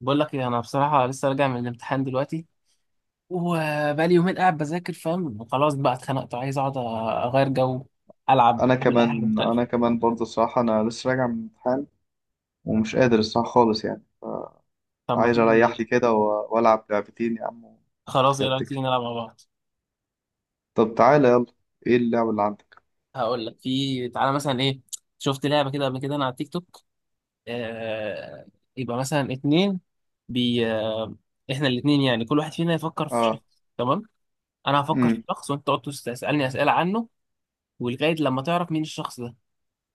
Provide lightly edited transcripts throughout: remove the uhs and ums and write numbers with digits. بقول لك ايه، انا بصراحه لسه راجع من الامتحان دلوقتي. وبقالي يومين قاعد بذاكر فاهم، وخلاص بقى اتخنقت، وعايز اقعد اغير جو. العب، انا اعمل اي حاجه كمان مختلفه. انا كمان برضه الصراحه، انا لسه راجع من امتحان. ومش قادر الصراحه خالص يعني. طب ما عايز اريح تيجي. لي كده والعب لعبتين يا عم. خلاص، ايه كانت رايك تيجي تكفي. نلعب مع بعض؟ طب تعالى يلا. ايه اللعبه اللي عندك؟ هقول لك، في تعالى مثلا ايه. شفت لعبه كده قبل كده انا على التيك توك. آه... يبقى مثلا اتنين. بي آه... احنا الاتنين، يعني كل واحد فينا يفكر في اه. شخص. تمام. انا هفكر في امم. شخص وانت تقعد تسالني اسئله عنه، ولغايه لما تعرف مين الشخص ده.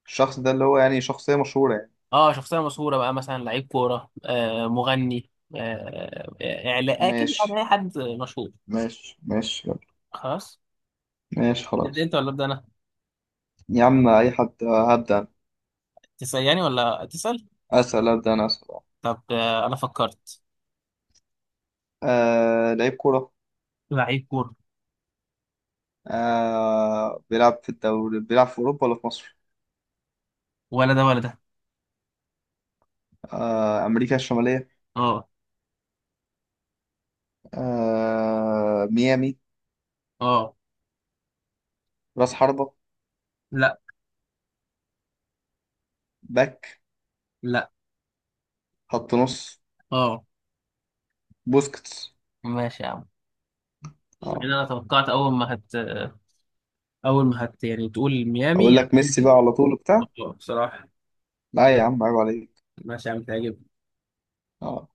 الشخص ده اللي هو يعني شخصيه مشهوره يعني؟ اه، شخصيه مشهوره بقى، مثلا لعيب كوره، مغني، اعلان كده، يعني ماشي. اي حد مشهور. ماشي ماشي يلا. خلاص. ماشي انت خلاص. انت ولا ابدا انا. يا عم اي حد، هبدا أنا. تسالني ولا تسال؟ اسال، ابدا انا اسال آه طب، انا فكرت. آه، لعيب كوره؟ لعيب كوره. آه بيلعب في الدوري، بيلعب في اوروبا ولا في مصر؟ ولا ده ولا ده. آه، امريكا الشماليه. اه. آه ميامي. اه. راس حربة؟ لا. باك؟ لا. خط نص؟ اه. بوسكيتس؟ ماشي يا عم. يعني اه. انا توقعت اول ما هت، يعني تقول ميامي اقول لك هتقول ميسي دي. بقى على طول وبتاع. اه بصراحه. لا يا عم، عيب عليك. ماشي يا عم، تعجب. اه.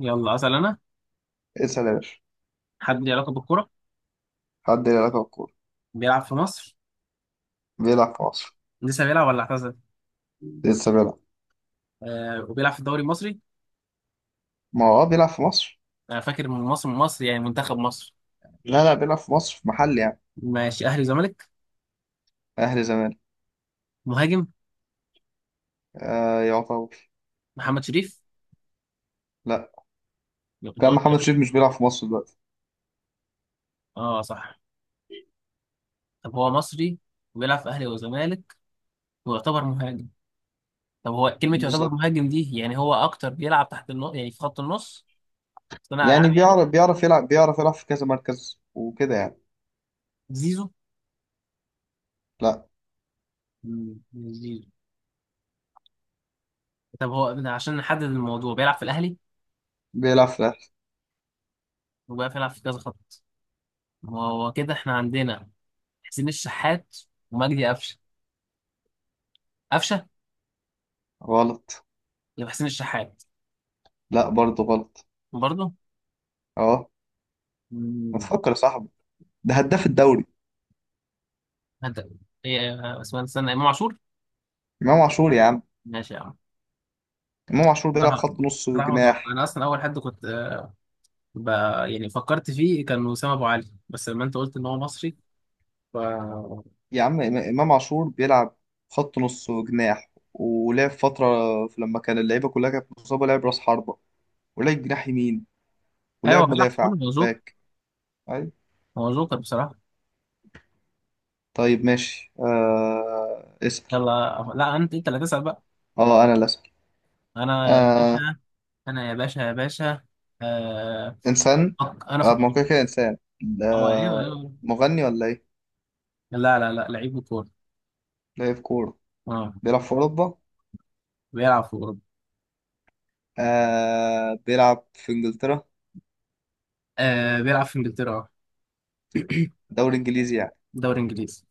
يلا اسال انا. اسأل يا باشا. حد ليه علاقه بالكوره؟ حد له علاقة بالكورة؟ بيلعب في مصر. بيلعب في مصر؟ لسه بيلعب ولا اعتزل؟ لسه بيلعب. وبيلعب في الدوري المصري. ما هو اه بيلعب في مصر. انا فاكر من مصر، يعني منتخب مصر. لا لا، بيلعب في مصر في محل يعني. ماشي، اهلي وزمالك. اهلي زمان. مهاجم. آه يعتبر. محمد شريف. لا. كنت كان قلت- محمد شريف لك. مش بيلعب في مصر دلوقتي. اه صح. طب هو مصري، وبيلعب في اهلي وزمالك، ويعتبر مهاجم. طب، هو كلمة يعتبر بالظبط. مهاجم دي، يعني هو اكتر بيلعب تحت النص، يعني في خط النص. صناع يعني العاب يعني. بيعرف يلعب في كذا مركز وكده يعني. زيزو. لا. مش زيزو. طب هو ده، عشان نحدد الموضوع بيلعب في الاهلي، بيلعب في الاهلي. وبيلعب في كذا خط. ما هو كده احنا عندنا. حسين الشحات. ومجدي قفشه. قفشه. غلط. يبقى حسين الشحات. لا برضه غلط. برضه. اه. ما تفكر يا صاحبي، ده هداف الدوري. انت. ايه اسمه، استنى، امام عاشور. امام عاشور يا عم. ماشي يا عم. امام عاشور بيلعب صراحه. خط نص صراحه متوقع، وجناح. انا اصلا اول حد كنت ب... يعني فكرت فيه كان وسام ابو علي، بس لما انت قلت ان هو مصري، ف يا عم، امام عاشور بيلعب خط نص وجناح، ولعب فتره لما كان اللعيبه كلها كانت مصابه لعب راس حربه، ولعب جناح يمين، ايوه ولعب بيلعب في مدافع. كله، هو جوكر. باك. أيوة. هو جوكر بصراحه. طيب ماشي. اسال. يلا، لا انت اللي تسال بقى. اه انا اللي اسال. انا يا آه... باشا. انا يا باشا يا باشا. آه... انسان. انا آه ما هو كده فكرت. كده انسان. اه ايوه ايوه. مغني ولا ايه؟ لا لا لا، لعيب كوره. لاعب كوره. اه. بيلعب في اوروبا. بيلعب في اوروبا. بيلعب في انجلترا. بيلعب في انجلترا. اه. دوري انجليزي يعني. دوري انجليزي.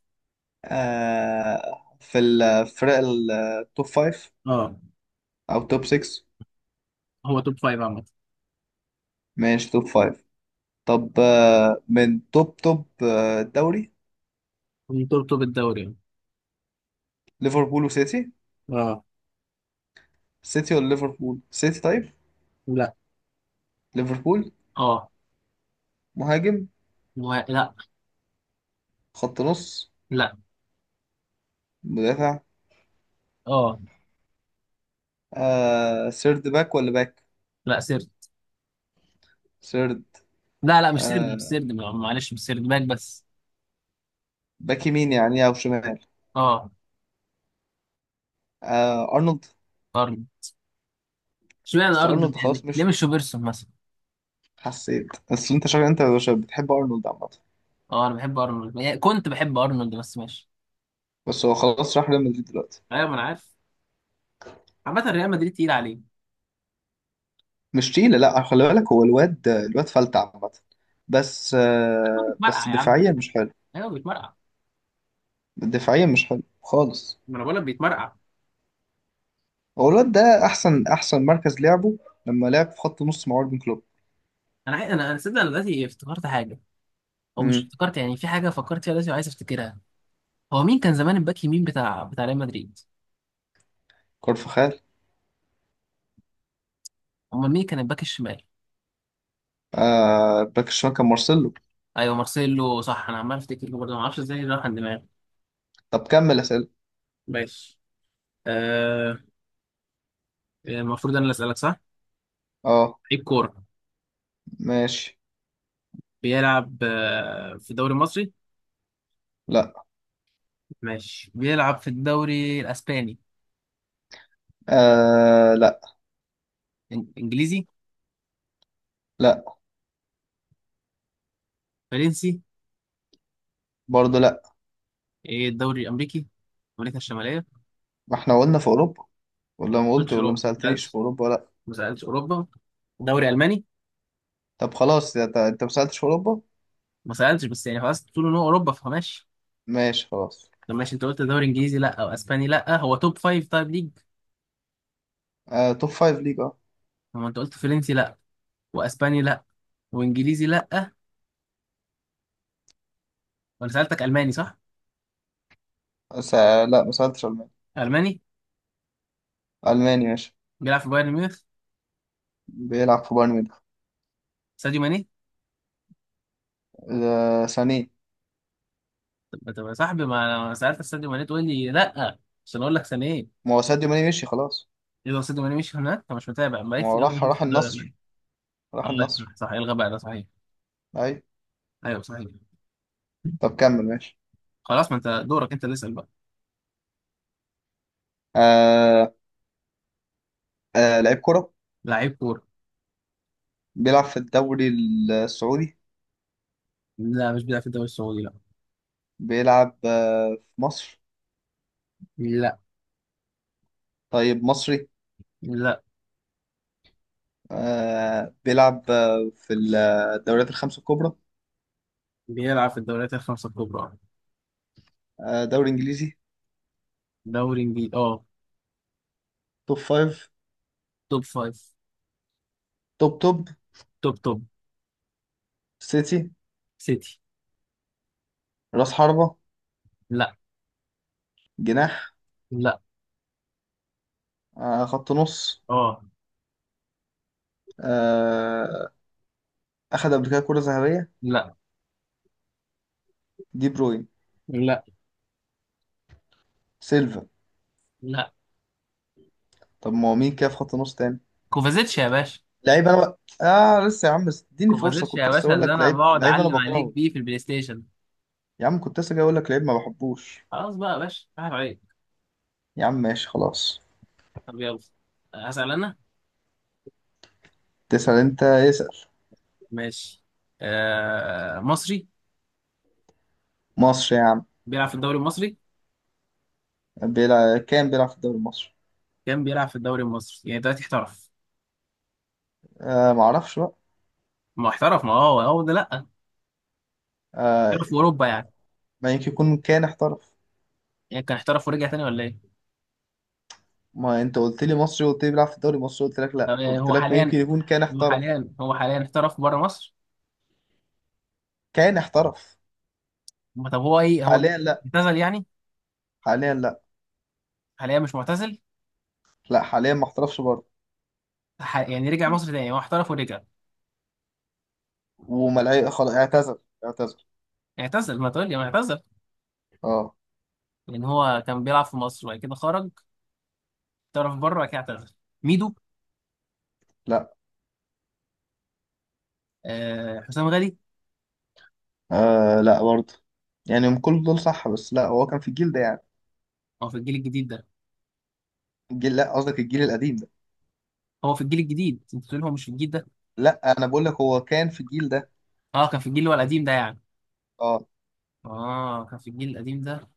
في الفرق التوب فايف اه. أو توب 6. هو توب فايف عامة. ماشي توب فايف. طب من توب توب، دوري؟ ترتب بالدوري يعني. ليفربول وسيتي. اه. سيتي ولا ليفربول؟ سيتي طيب. لا. ليفربول. اه. مهاجم؟ لا. خط نص؟ لا. مدافع؟ اه. آه سيرد باك ولا باك؟ لا، سرد. سيرد. لا لا، مش سرد مش آه سرد، معلش، مش سرد باك بس. باك يمين يعني أو شمال؟ اه. آه أرنولد. ارنولد. اشمعنى بس أرنولد ارنولد، يعني خلاص ليه مشي. مش روبرتسون مثلا. حسيت. بس أنت شكلك أنت يا باشا بتحب أرنولد عامة. اه، انا بحب ارنولد، يعني كنت بحب ارنولد بس ماشي. بس هو خلاص راح ريال مدريد دلوقتي. ايوه ما انا عارف. عامة ريال مدريد تقيل عليه. مش تقيلة، لا خلي بالك، هو الواد فلت عامة. بس هو آه، بس بيتمرقع يا عم. دفاعيا مش حلو. ايوه بيتمرقع. دفاعيا مش حلو خالص. ما انا بقول لك بيتمرقع. هو الواد ده أحسن مركز لعبه لما لعب في خط نص مع أوربن كلوب. انا صدق، انا دلوقتي افتكرت حاجه. او مش امم. افتكرت يعني، في حاجه فكرت فيها دلوقتي وعايز افتكرها. هو مين كان زمان الباك يمين بتاع ريال مدريد؟ كارفخال. امال مين كان الباك الشمال؟ آه باك الشمال كان مارسيلو. ايوه مارسيلو، صح. انا عمال افتكر له برضه، ما اعرفش ازاي راح عن دماغي. طب كمل أسئلة. ماشي. آه المفروض انا اللي اسالك، صح. اه. لعيب كوره. ماشي. بيلعب في الدوري المصري. لا. ماشي، بيلعب في الدوري الاسباني. آه لا. انجليزي. لا فرنسي. برضه لا. إيه، الدوري الامريكي، امريكا الشماليه؟ ما ما احنا قلنا في أوروبا. ولا ما قلت، سالتش ولا ما اوروبا، ما سألتنيش في سالتش. أوروبا، لا. ما سالتش اوروبا. دوري الماني. طب خلاص انت ما سألتش في أوروبا. ما سالتش، بس يعني خلاص تقول ان هو اوروبا فماشي. ماشي خلاص. طب ماشي، انت قلت دوري انجليزي لا، او اسباني لا، هو توب فايف طيب ليج. آه توب فايف ليج اه. هو انت قلت فرنسي لا، واسباني لا، وانجليزي لا، وانا سالتك الماني، صح؟ س... لا ما سألتش ألماني. الماني. ألماني ماشي. بيلعب في بايرن ميونخ. بيلعب في بايرن ميونخ. ساديو ماني. آه ثانية. طب يا صاحبي، ما انا سالتك ساديو ماني تقول لي لا، عشان اقول لك سنه ايه. ما هو ساديو ماني مشي خلاص. يبقى ساديو ماني مش هناك، انت مش متابع، ما ما في هو راح الدوري الالماني. النصر. اه راح لا، النصر. صح صح، الغى بقى، ده صحيح. أيوة. ايوه صحيح. طب كمل ماشي. خلاص، ما انت دورك انت اللي اسال بقى. آه لعيب كرة. لعيب كوره. بيلعب في الدوري السعودي. لا مش بيلعب في الدوري السعودي، لا. بيلعب في مصر. لا. طيب مصري. لا. آه بيلعب في الدوريات الخمسة الكبرى. بيلعب في الدوريات الخمسه الكبرى. آه دوري إنجليزي. دوري انجليزي، اه. توب فايف. توب فايف. توب توب. توب توب. سيتي. سيتي. رأس حربة. لا. جناح. لا. خط نص اه. آه، اخد قبل كده كرة ذهبية. لا. دي بروين. لا. سيلفا. لا. طب ما هو مين كده في خط نص تاني؟ كوفازيتش يا باشا. لعيب انا بقى اه لسه يا عم، بس اديني فرصة، كوفازيتش يا كنت لسه باشا، اقول اللي لك انا لعيب بقعد لعيب انا اعلم عليك بكرهه. بيه في البلاي ستيشن. يا عم كنت لسه جاي اقول لك لعيب ما بحبوش. خلاص بقى يا باشا، راحت عليك. يا عم ماشي خلاص. طب يلا. هسأل انا. تسأل انت، اسأل. ماشي. مصري. مصر يا عم. بيلعب في الدوري المصري. كان بيلعب في الدوري المصري. كان بيلعب في الدوري المصري، يعني دلوقتي احترف. آه ما اعرفش بقى. ما احترف، ما هو ده، لا. آه احترف في اوروبا يعني. ما يمكن يكون كان احترف. يعني كان احترف ورجع تاني، ولا ايه؟ ما انت قلت لي مصري، قلت لي بيلعب في الدوري المصري، قلت لك لا، طب قلت هو لك ما يمكن حاليا. يكون كان هو احترف. حاليا هو حاليا احترف بره مصر. كان احترف. ما طب هو ايه، هو حاليا دلوقتي لا. اعتزل يعني؟ حاليا لا. حاليا مش معتزل. لا حاليا ما احترفش برضه. يعني رجع مصر تاني، يعني هو احترف ورجع. وملاهي خلاص اعتذر. اعتذر. اعتزل، ما تقول لي ما اعتزل. اه. لان هو كان بيلعب في مصر وبعد كده خرج، طرف بره كده اعتذر. ميدو. لا حسام غالي. لا برضه. يعني هم كل دول صح، بس لا هو كان في الجيل ده يعني. هو في الجيل الجديد ده. لا قصدك الجيل القديم ده. هو في الجيل الجديد، انت بتقول هو مش في الجيل ده. لا انا بقول لك هو كان في الجيل ده. اه كان في الجيل اللي هو القديم ده يعني. اه. اه كان في الجيل القديم ده.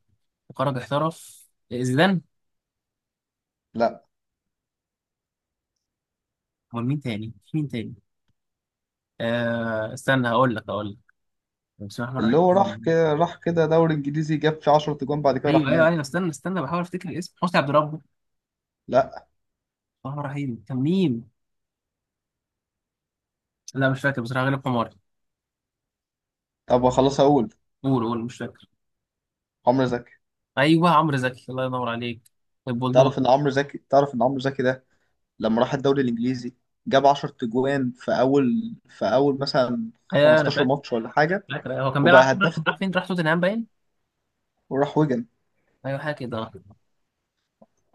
وخرج احترف. زيدان. لا امال مين تاني، في مين تاني؟ استنى، هقول لك. بسم الله اللي هو الرحمن راح الرحيم. كده راح كده دوري انجليزي جاب فيه 10 تجوان بعد كده راح ايوه ايوه نام. ايوه، استنى استنى، بحاول افتكر الاسم. حسني عبد ربه. بسم لا. الله الرحمن الرحيم، كان مين؟ لا مش فاكر بصراحه، غالب حماري. طب خلاص اقول. قول قول، مش فاكر. عمرو زكي. ايوه عمرو زكي، الله ينور عليك. البولدوز. تعرف ان عمرو زكي ده لما راح الدوري الانجليزي جاب 10 تجوان في اول مثلا ايوه انا 15 فاكر. ماتش ولا حاجه. فاكر، أيوة. هو كان بيلعب، راح وبقى فين، راح هداف راح فين؟ راح توتنهام باين. وراح وجع. ايوه حاجه كده.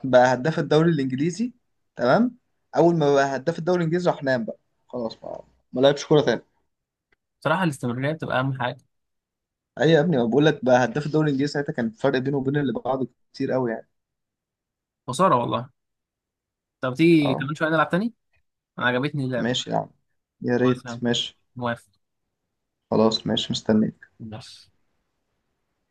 بقى هداف الدوري الانجليزي. تمام. اول ما بقى هداف الدوري الانجليزي راح نام بقى. خلاص بقى. ما لعبش كوره تاني. بصراحه الاستمراريه بتبقى اهم حاجه. ايوه يا ابني، ما بقول لك بقى هداف الدوري الانجليزي ساعتها كان الفرق بينه وبين اللي بعده كتير قوي يعني. خساره والله. طب تيجي اه كمان شويه نلعب تاني. انا عجبتني اللعبه. ماشي يا عم. يا خلاص ريت يا عم، ماشي. موافق. خلاص ماشي مستني. ماشي